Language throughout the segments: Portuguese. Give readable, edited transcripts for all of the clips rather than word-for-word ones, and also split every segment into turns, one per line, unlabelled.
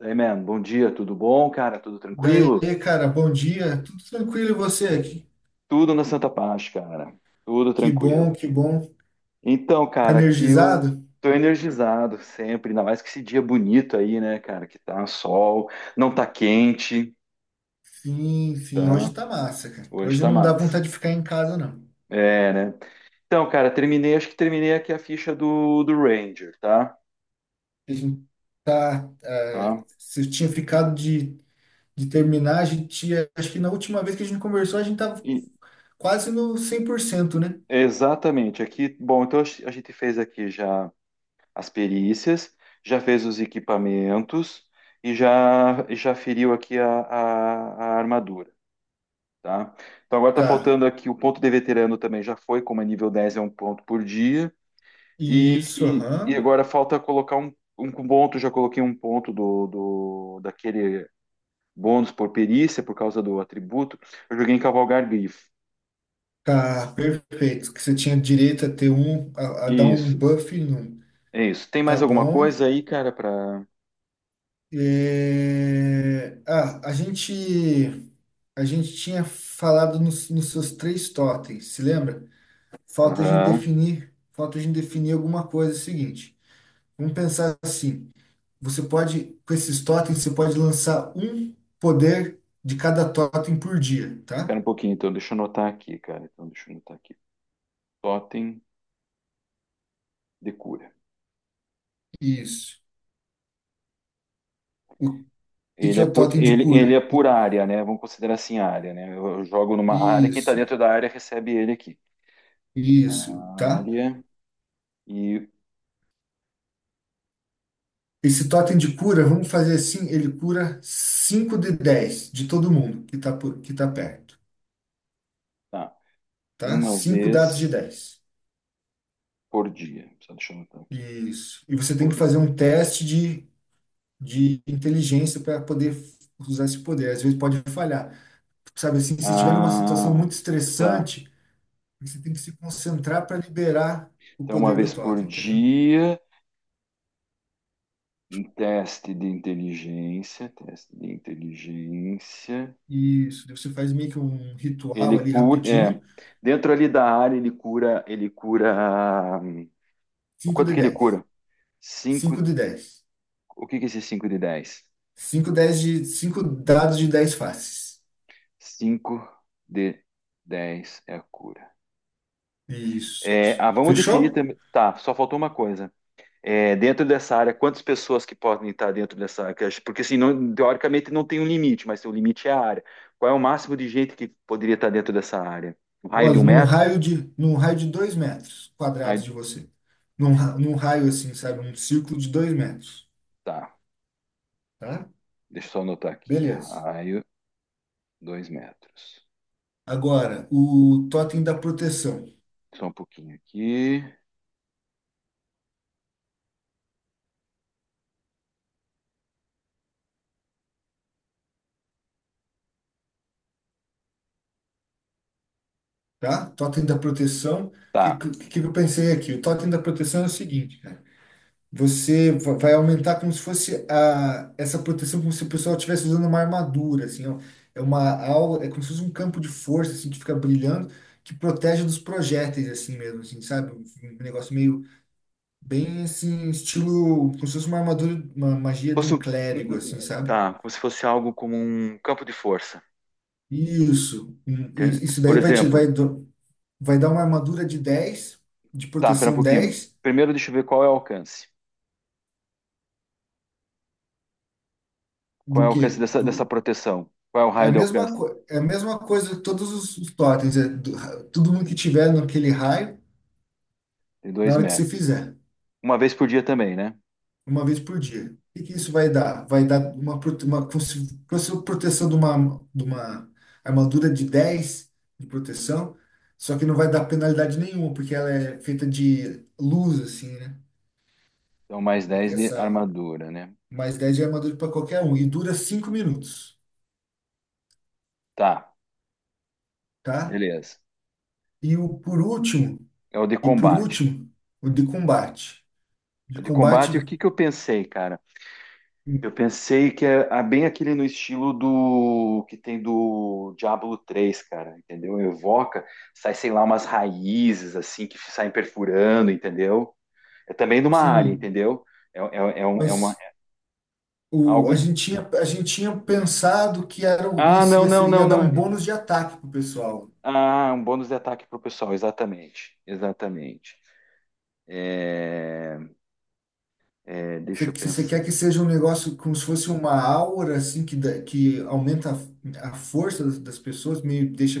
Hey, man, bom dia, tudo bom, cara? Tudo
Daí,
tranquilo?
cara, bom dia. Tudo tranquilo e você?
Tudo na Santa Paz, cara. Tudo
Que
tranquilo.
bom, que bom.
Então,
Tá
cara, aqui eu
energizado?
tô energizado sempre, ainda mais que esse dia bonito aí, né, cara? Que tá sol, não tá quente,
Sim, sim. Hoje
tá?
tá massa, cara.
Hoje
Hoje
tá
não dá
massa.
vontade de ficar em casa, não.
É, né? Então, cara, terminei, acho que terminei aqui a ficha do Ranger, tá?
A gente tá. eh,
Tá?
Se eu tinha ficado de terminar, a gente tinha. Acho que na última vez que a gente conversou, a gente tava
E-
quase no 100%, né?
exatamente, aqui, bom, então a gente fez aqui já as perícias, já fez os equipamentos e já feriu aqui a armadura, tá? Então agora tá
Tá.
faltando aqui o ponto de veterano também já foi, como é nível 10 é um ponto por dia. E,
Isso,
e, e
aham.
agora falta colocar um ponto, já coloquei um ponto do daquele bônus por perícia por causa do atributo. Eu joguei em cavalgar grifo.
Tá, perfeito. Que você tinha direito a ter um. A dar um
Isso,
buff num.
é isso. Tem
Tá
mais alguma
bom.
coisa aí, cara, para
É, ah, a gente a gente tinha falado nos seus três totens, se lembra? Falta a gente
Aham.
definir, falta a gente definir alguma coisa. É o seguinte, vamos pensar assim. Você pode, com esses totens, você pode lançar um poder de cada totem por dia, tá?
Espera um pouquinho, então, deixa eu anotar aqui, cara. Então, deixa eu anotar aqui. Totem de cura.
Isso. O que
Ele
que é
é
o
por,
totem de
ele,
cura?
ele é por área, né? Vamos considerar assim área, né? Eu jogo numa área, quem tá
Isso,
dentro da área recebe ele aqui.
isso, tá?
Área e
Esse totem de cura, vamos fazer assim, ele cura 5 de 10 de todo mundo que tá perto,
tá,
tá?
uma
Cinco dados de
vez
dez.
por dia. Só deixa eu anotar aqui.
Isso. E você tem que
Por-
fazer um teste de inteligência para poder usar esse poder. Às vezes pode falhar. Sabe assim, se estiver numa situação
Ah,
muito
tá.
estressante, você tem que se concentrar para liberar o
Então, uma
poder do
vez por
totem, entendeu?
dia, um teste de inteligência, teste de inteligência.
Isso. Daí você faz meio que um ritual
Ele
ali
cura, é,
rapidinho.
dentro ali da área ele cura, o
5
quanto
de
que ele
10
cura? 5
cinco de dez.
O que que é esse 5 de 10?
Cinco, dez de, cinco dados de 10 faces.
5 de 10 é a cura.
Isso.
É, ah, vamos definir
Fechou?
também. Tá, só faltou uma coisa. É, dentro dessa área, quantas pessoas que podem estar dentro dessa área? Porque assim, não- teoricamente não tem um limite, mas o limite é a área. Qual é o máximo de gente que poderia estar dentro dessa área? Um raio de
Olha,
um
num
metro?
raio de, num raio de 2 metros
Um
quadrados
Raio-
de você. Num raio assim, sabe? Um círculo de 2 metros,
Tá,
tá?
deixa eu só anotar aqui.
Beleza.
Raio, 2 metros.
Agora, o totem da proteção,
Só um pouquinho aqui.
tá? Totem da proteção, o que,
Tá.
que, que eu pensei aqui? O totem da proteção é o seguinte, cara. Você vai aumentar como se fosse essa proteção, como se o pessoal estivesse usando uma armadura, assim, ó. É uma aula, é como se fosse um campo de força, assim, que fica brilhando, que protege dos projéteis, assim mesmo, assim, sabe? Um negócio meio, bem, assim, estilo, como se fosse uma armadura, uma magia de
Fosse
um
um- um-
clérigo, assim,
um-
sabe?
Tá, como se fosse algo como um campo de força.
Isso. E
Tem-
isso
Por
daí vai te, vai,
exemplo,
do- vai dar uma armadura de dez de
tá, pera um
proteção
pouquinho.
dez.
Primeiro, deixa eu ver qual é o alcance. Qual é
Do
o alcance
quê?
dessa proteção? Qual é o
É a
raio de
mesma,
alcance?
co- é a mesma coisa de todos os, totens, é do, todo mundo que tiver naquele raio,
De
na
2
hora que
metros.
você fizer,
Uma vez por dia também, né?
uma vez por dia. O que que isso vai dar? Vai dar uma proteção de uma armadura de 10 de proteção, só que não vai dar penalidade nenhuma, porque ela é feita de luz, assim, né?
Então, mais
Aqui
dez de
Essa
armadura, né?
mais 10 de armadura para qualquer um, e dura 5 minutos,
Tá,
tá?
beleza.
E o por último,
É o de
e por
combate.
último, o de combate
O
de
de combate, o
combate
que que eu pensei, cara? Eu pensei que é ah, bem aquele no estilo do que tem do Diablo 3 cara, entendeu? Evoca, sai, sei lá, umas raízes assim que saem perfurando, entendeu? É também numa área,
Sim,
entendeu? É uma,
mas a
Algo.
gente tinha, a gente tinha pensado que era, o- ia,
Ah, não,
ia,
não,
se- ia
não,
dar um
não.
bônus de ataque pro pessoal.
Ah, um bônus de ataque para o pessoal, exatamente. Exatamente. É, é, deixa
Você,
eu
que- você
pensar.
quer que seja um negócio como se fosse uma aura, assim, que aumenta a força das pessoas, meio deixa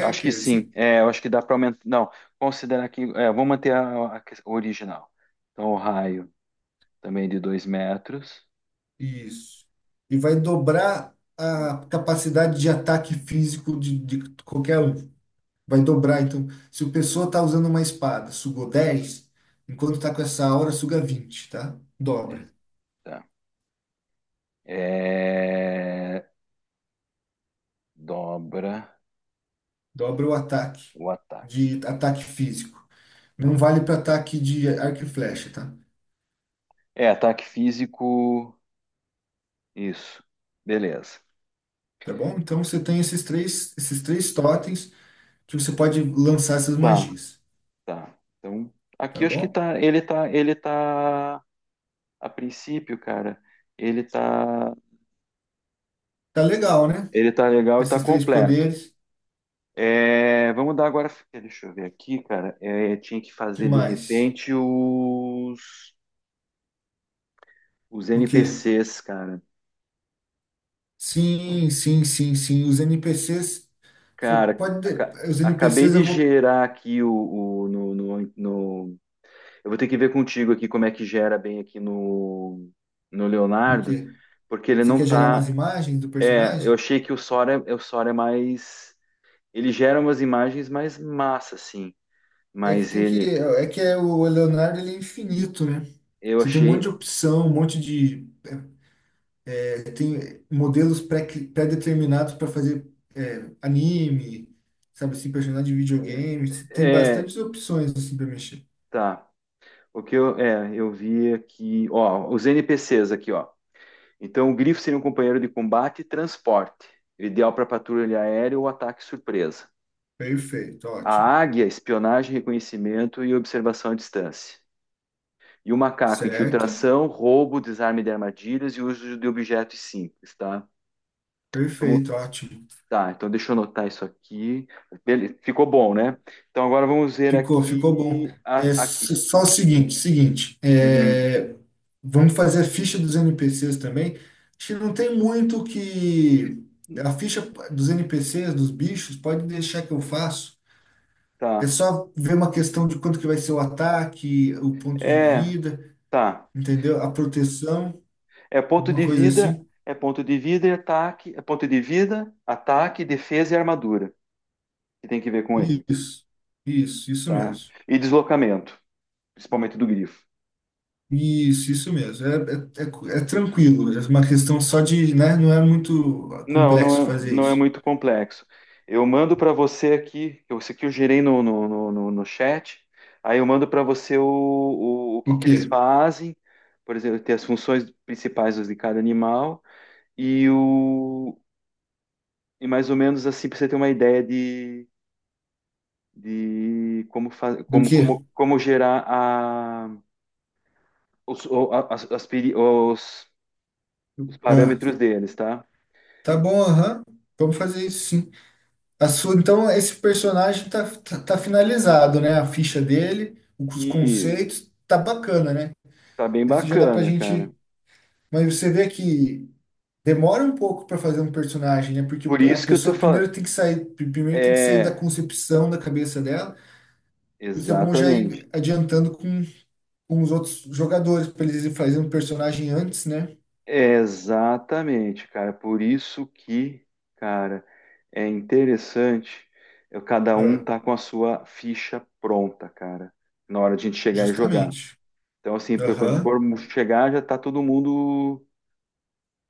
Acho que sim.
assim?
É, eu acho que dá para aumentar. Não, considerar que. É, vou manter o original. Então, o raio também de 2 metros.
Isso. E vai dobrar a capacidade de ataque físico de qualquer um. Vai dobrar, então. Se o pessoa tá usando uma espada, sugou 10 enquanto tá com essa aura, suga 20, tá?
É,
Dobra.
Tá. É, dobra
Dobra o ataque,
o ataque.
de ataque físico. Não vale para ataque de arco e flecha, tá?
É, ataque físico. Isso. Beleza.
Tá bom? Então você tem esses três totens que você pode lançar essas
Tá,
magias,
tá. Então, aqui
tá
eu acho que
bom?
tá. Ele tá. Ele tá. A princípio, cara, ele tá,
Tá legal, né?
ele tá legal e tá
Esses três
completo.
poderes. O
É, vamos dar agora. Deixa eu ver aqui, cara. É, tinha que
Que
fazer de
mais?
repente os
O quê?
NPCs, cara.
Sim, sim, sim, sim. Os NPCs, você
Cara,
pode os
acabei
NPCs
de
eu vou.
gerar aqui o Eu vou ter que ver contigo aqui como é que gera bem aqui no
O
Leonardo,
quê?
porque ele
Você
não
quer gerar umas
tá.
imagens do
É, eu
personagem?
achei que o Sora é mais. Ele gera umas imagens mais massa, assim.
É que
Mas
tem que.
ele,
O Leonardo ele é infinito, né?
eu
Você tem um monte de
achei,
opção, um monte de. Tem modelos pré-determinados para fazer anime, sabe assim, personagem de videogame. Você tem
é,
bastantes opções assim para mexer.
tá. O que eu, é, eu vi aqui, ó, os NPCs aqui, ó. Então, o grifo seria um companheiro de combate e transporte, ideal para patrulha aérea ou ataque surpresa.
Perfeito,
A
ótimo.
águia, espionagem, reconhecimento e observação à distância. E o macaco,
Certo?
infiltração, roubo, desarme de armadilhas e uso de objetos simples, tá? Vamos,
Perfeito, ótimo.
tá, então deixa eu anotar isso aqui. Bele- ficou bom, né? Então agora vamos ver
Ficou bom.
aqui.
É
A- aqui.
s- só o seguinte,
Uhum.
vamos fazer a ficha dos NPCs também. Acho que não tem muito o que. A ficha dos NPCs, dos bichos, pode deixar que eu faço. É
Tá.
só ver uma questão de quanto que vai ser o ataque, o ponto de
É,
vida,
tá.
entendeu? A proteção,
É ponto
uma
de
coisa
vida,
assim.
é ponto de vida e ataque, é ponto de vida, ataque, defesa e armadura, que tem que ver com ele,
Isso, isso
tá?
mesmo.
E deslocamento, principalmente do grifo.
Isso mesmo. É tranquilo, é uma questão só de, né? Não é muito
Não,
complexo
não é,
fazer
não é
isso.
muito complexo. Eu mando para você aqui, isso aqui eu gerei no chat, aí eu mando para você o que
O
que
quê?
eles fazem, por exemplo, ter as funções principais de cada animal e o e mais ou menos assim para você ter uma ideia de como, fa-
Do
como,
quê?
como, como gerar a, os, o- a- as peri- os
Ah,
parâmetros deles, tá?
tá bom, aham. Vamos fazer isso sim. Então, esse personagem tá finalizado, né? A ficha dele, os
E
conceitos, tá bacana, né?
tá bem
Esse já dá pra
bacana, cara.
gente. Mas você vê que demora um pouco para fazer um personagem, né? Porque
Por
a
isso que eu tô
pessoa primeiro
falando.
tem que sair, primeiro tem que sair da
É,
concepção da cabeça dela. Isso é bom já
exatamente.
ir adiantando com, os outros jogadores, para eles fazerem um personagem antes, né?
Exatamente, cara. Por isso que, cara, é interessante. Cada um
Ah,
tá com a sua ficha pronta, cara, na hora de a gente chegar e jogar.
justamente.
Então, assim, porque quando
Aham.
for chegar, já tá todo mundo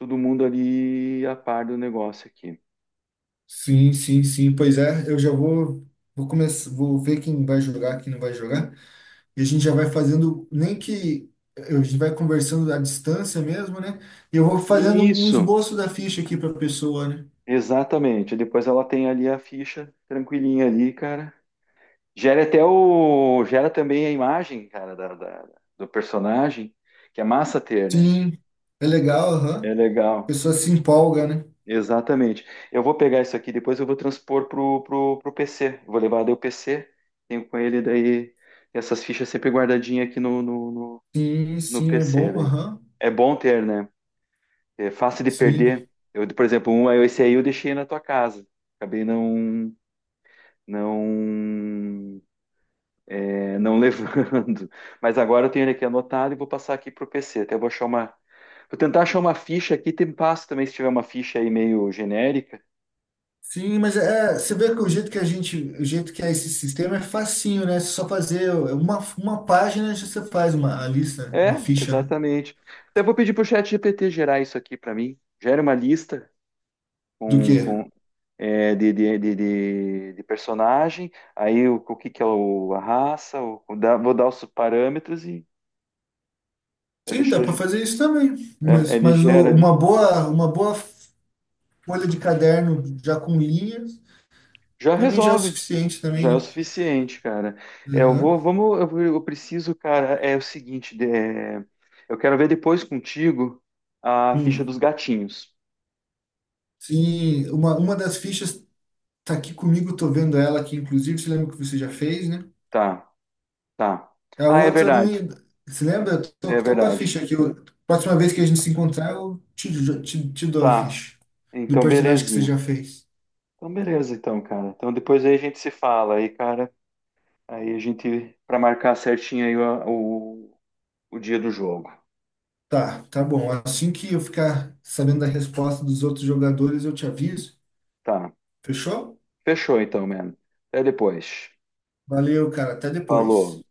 Todo mundo ali a par do negócio aqui.
Sim, sim, sim. Pois é, eu já vou começar, vou ver quem vai jogar, quem não vai jogar. E a gente já vai fazendo, nem que a gente vai conversando à distância mesmo, né? E eu vou fazendo um
Isso,
esboço da ficha aqui para a pessoa, né?
exatamente. Depois ela tem ali a ficha tranquilinha ali, cara. Gera até o. Gera também a imagem, cara, da do personagem, que é massa ter, né?
Sim, é legal,
É
aham. A
legal.
pessoa se empolga, né?
Exatamente. Eu vou pegar isso aqui, depois eu vou transpor pro PC. Eu Vou levar daí o PC, tenho com ele daí essas fichas sempre guardadinhas aqui no, no, no,
Sim,
no
sim, é
PC
bom,
daí.
aham.
É bom ter, né? É fácil de
Sim.
perder. Eu, por exemplo, é esse aí eu deixei na tua casa. Acabei não, não levando. Mas agora eu tenho ele aqui anotado e vou passar aqui pro PC. Até vou achar uma. Vou tentar achar uma ficha aqui, tem passo também se tiver uma ficha aí meio genérica.
Sim, mas é, você vê que o jeito que é esse sistema é facinho, né? Só fazer uma página, já você faz uma a lista, uma
É,
ficha, né?
exatamente. Até vou pedir pro chat GPT gerar isso aqui para mim. Gera uma lista
Do
com,
quê?
com, é, de personagem, aí o que que é o, a raça, vou dar os parâmetros e Ele,
Sim, dá para
che-
fazer isso também.
é,
Mas,
ele
mas
gera
o-
ali.
uma boa folha de caderno já com linhas
Já
também já é o
resolve.
suficiente também,
Já é o
né?
suficiente, cara. É, eu
Uhum.
vou, vamos, eu, vou- eu preciso, cara, é o seguinte, é, eu quero ver depois contigo a ficha dos
Hum.
gatinhos.
Sim, uma das fichas tá aqui comigo, tô vendo ela aqui, inclusive, você lembra que você já fez, né?
Tá, tá.
A
Ah, é
outra não.
verdade.
Você lembra? Eu tô,
É
tô com a
verdade.
ficha aqui. Próxima vez que a gente se encontrar, eu te dou a
Tá.
ficha do
Então,
personagem que você
belezinha.
já fez.
Então, beleza, então, cara. Então, depois aí a gente se fala aí, cara. Aí a gente, pra marcar certinho aí o dia do jogo.
Tá, tá bom. Assim que eu ficar sabendo da resposta dos outros jogadores, eu te aviso.
Tá.
Fechou?
Fechou, então, mano. Até depois.
Valeu, cara. Até
Falou.
depois.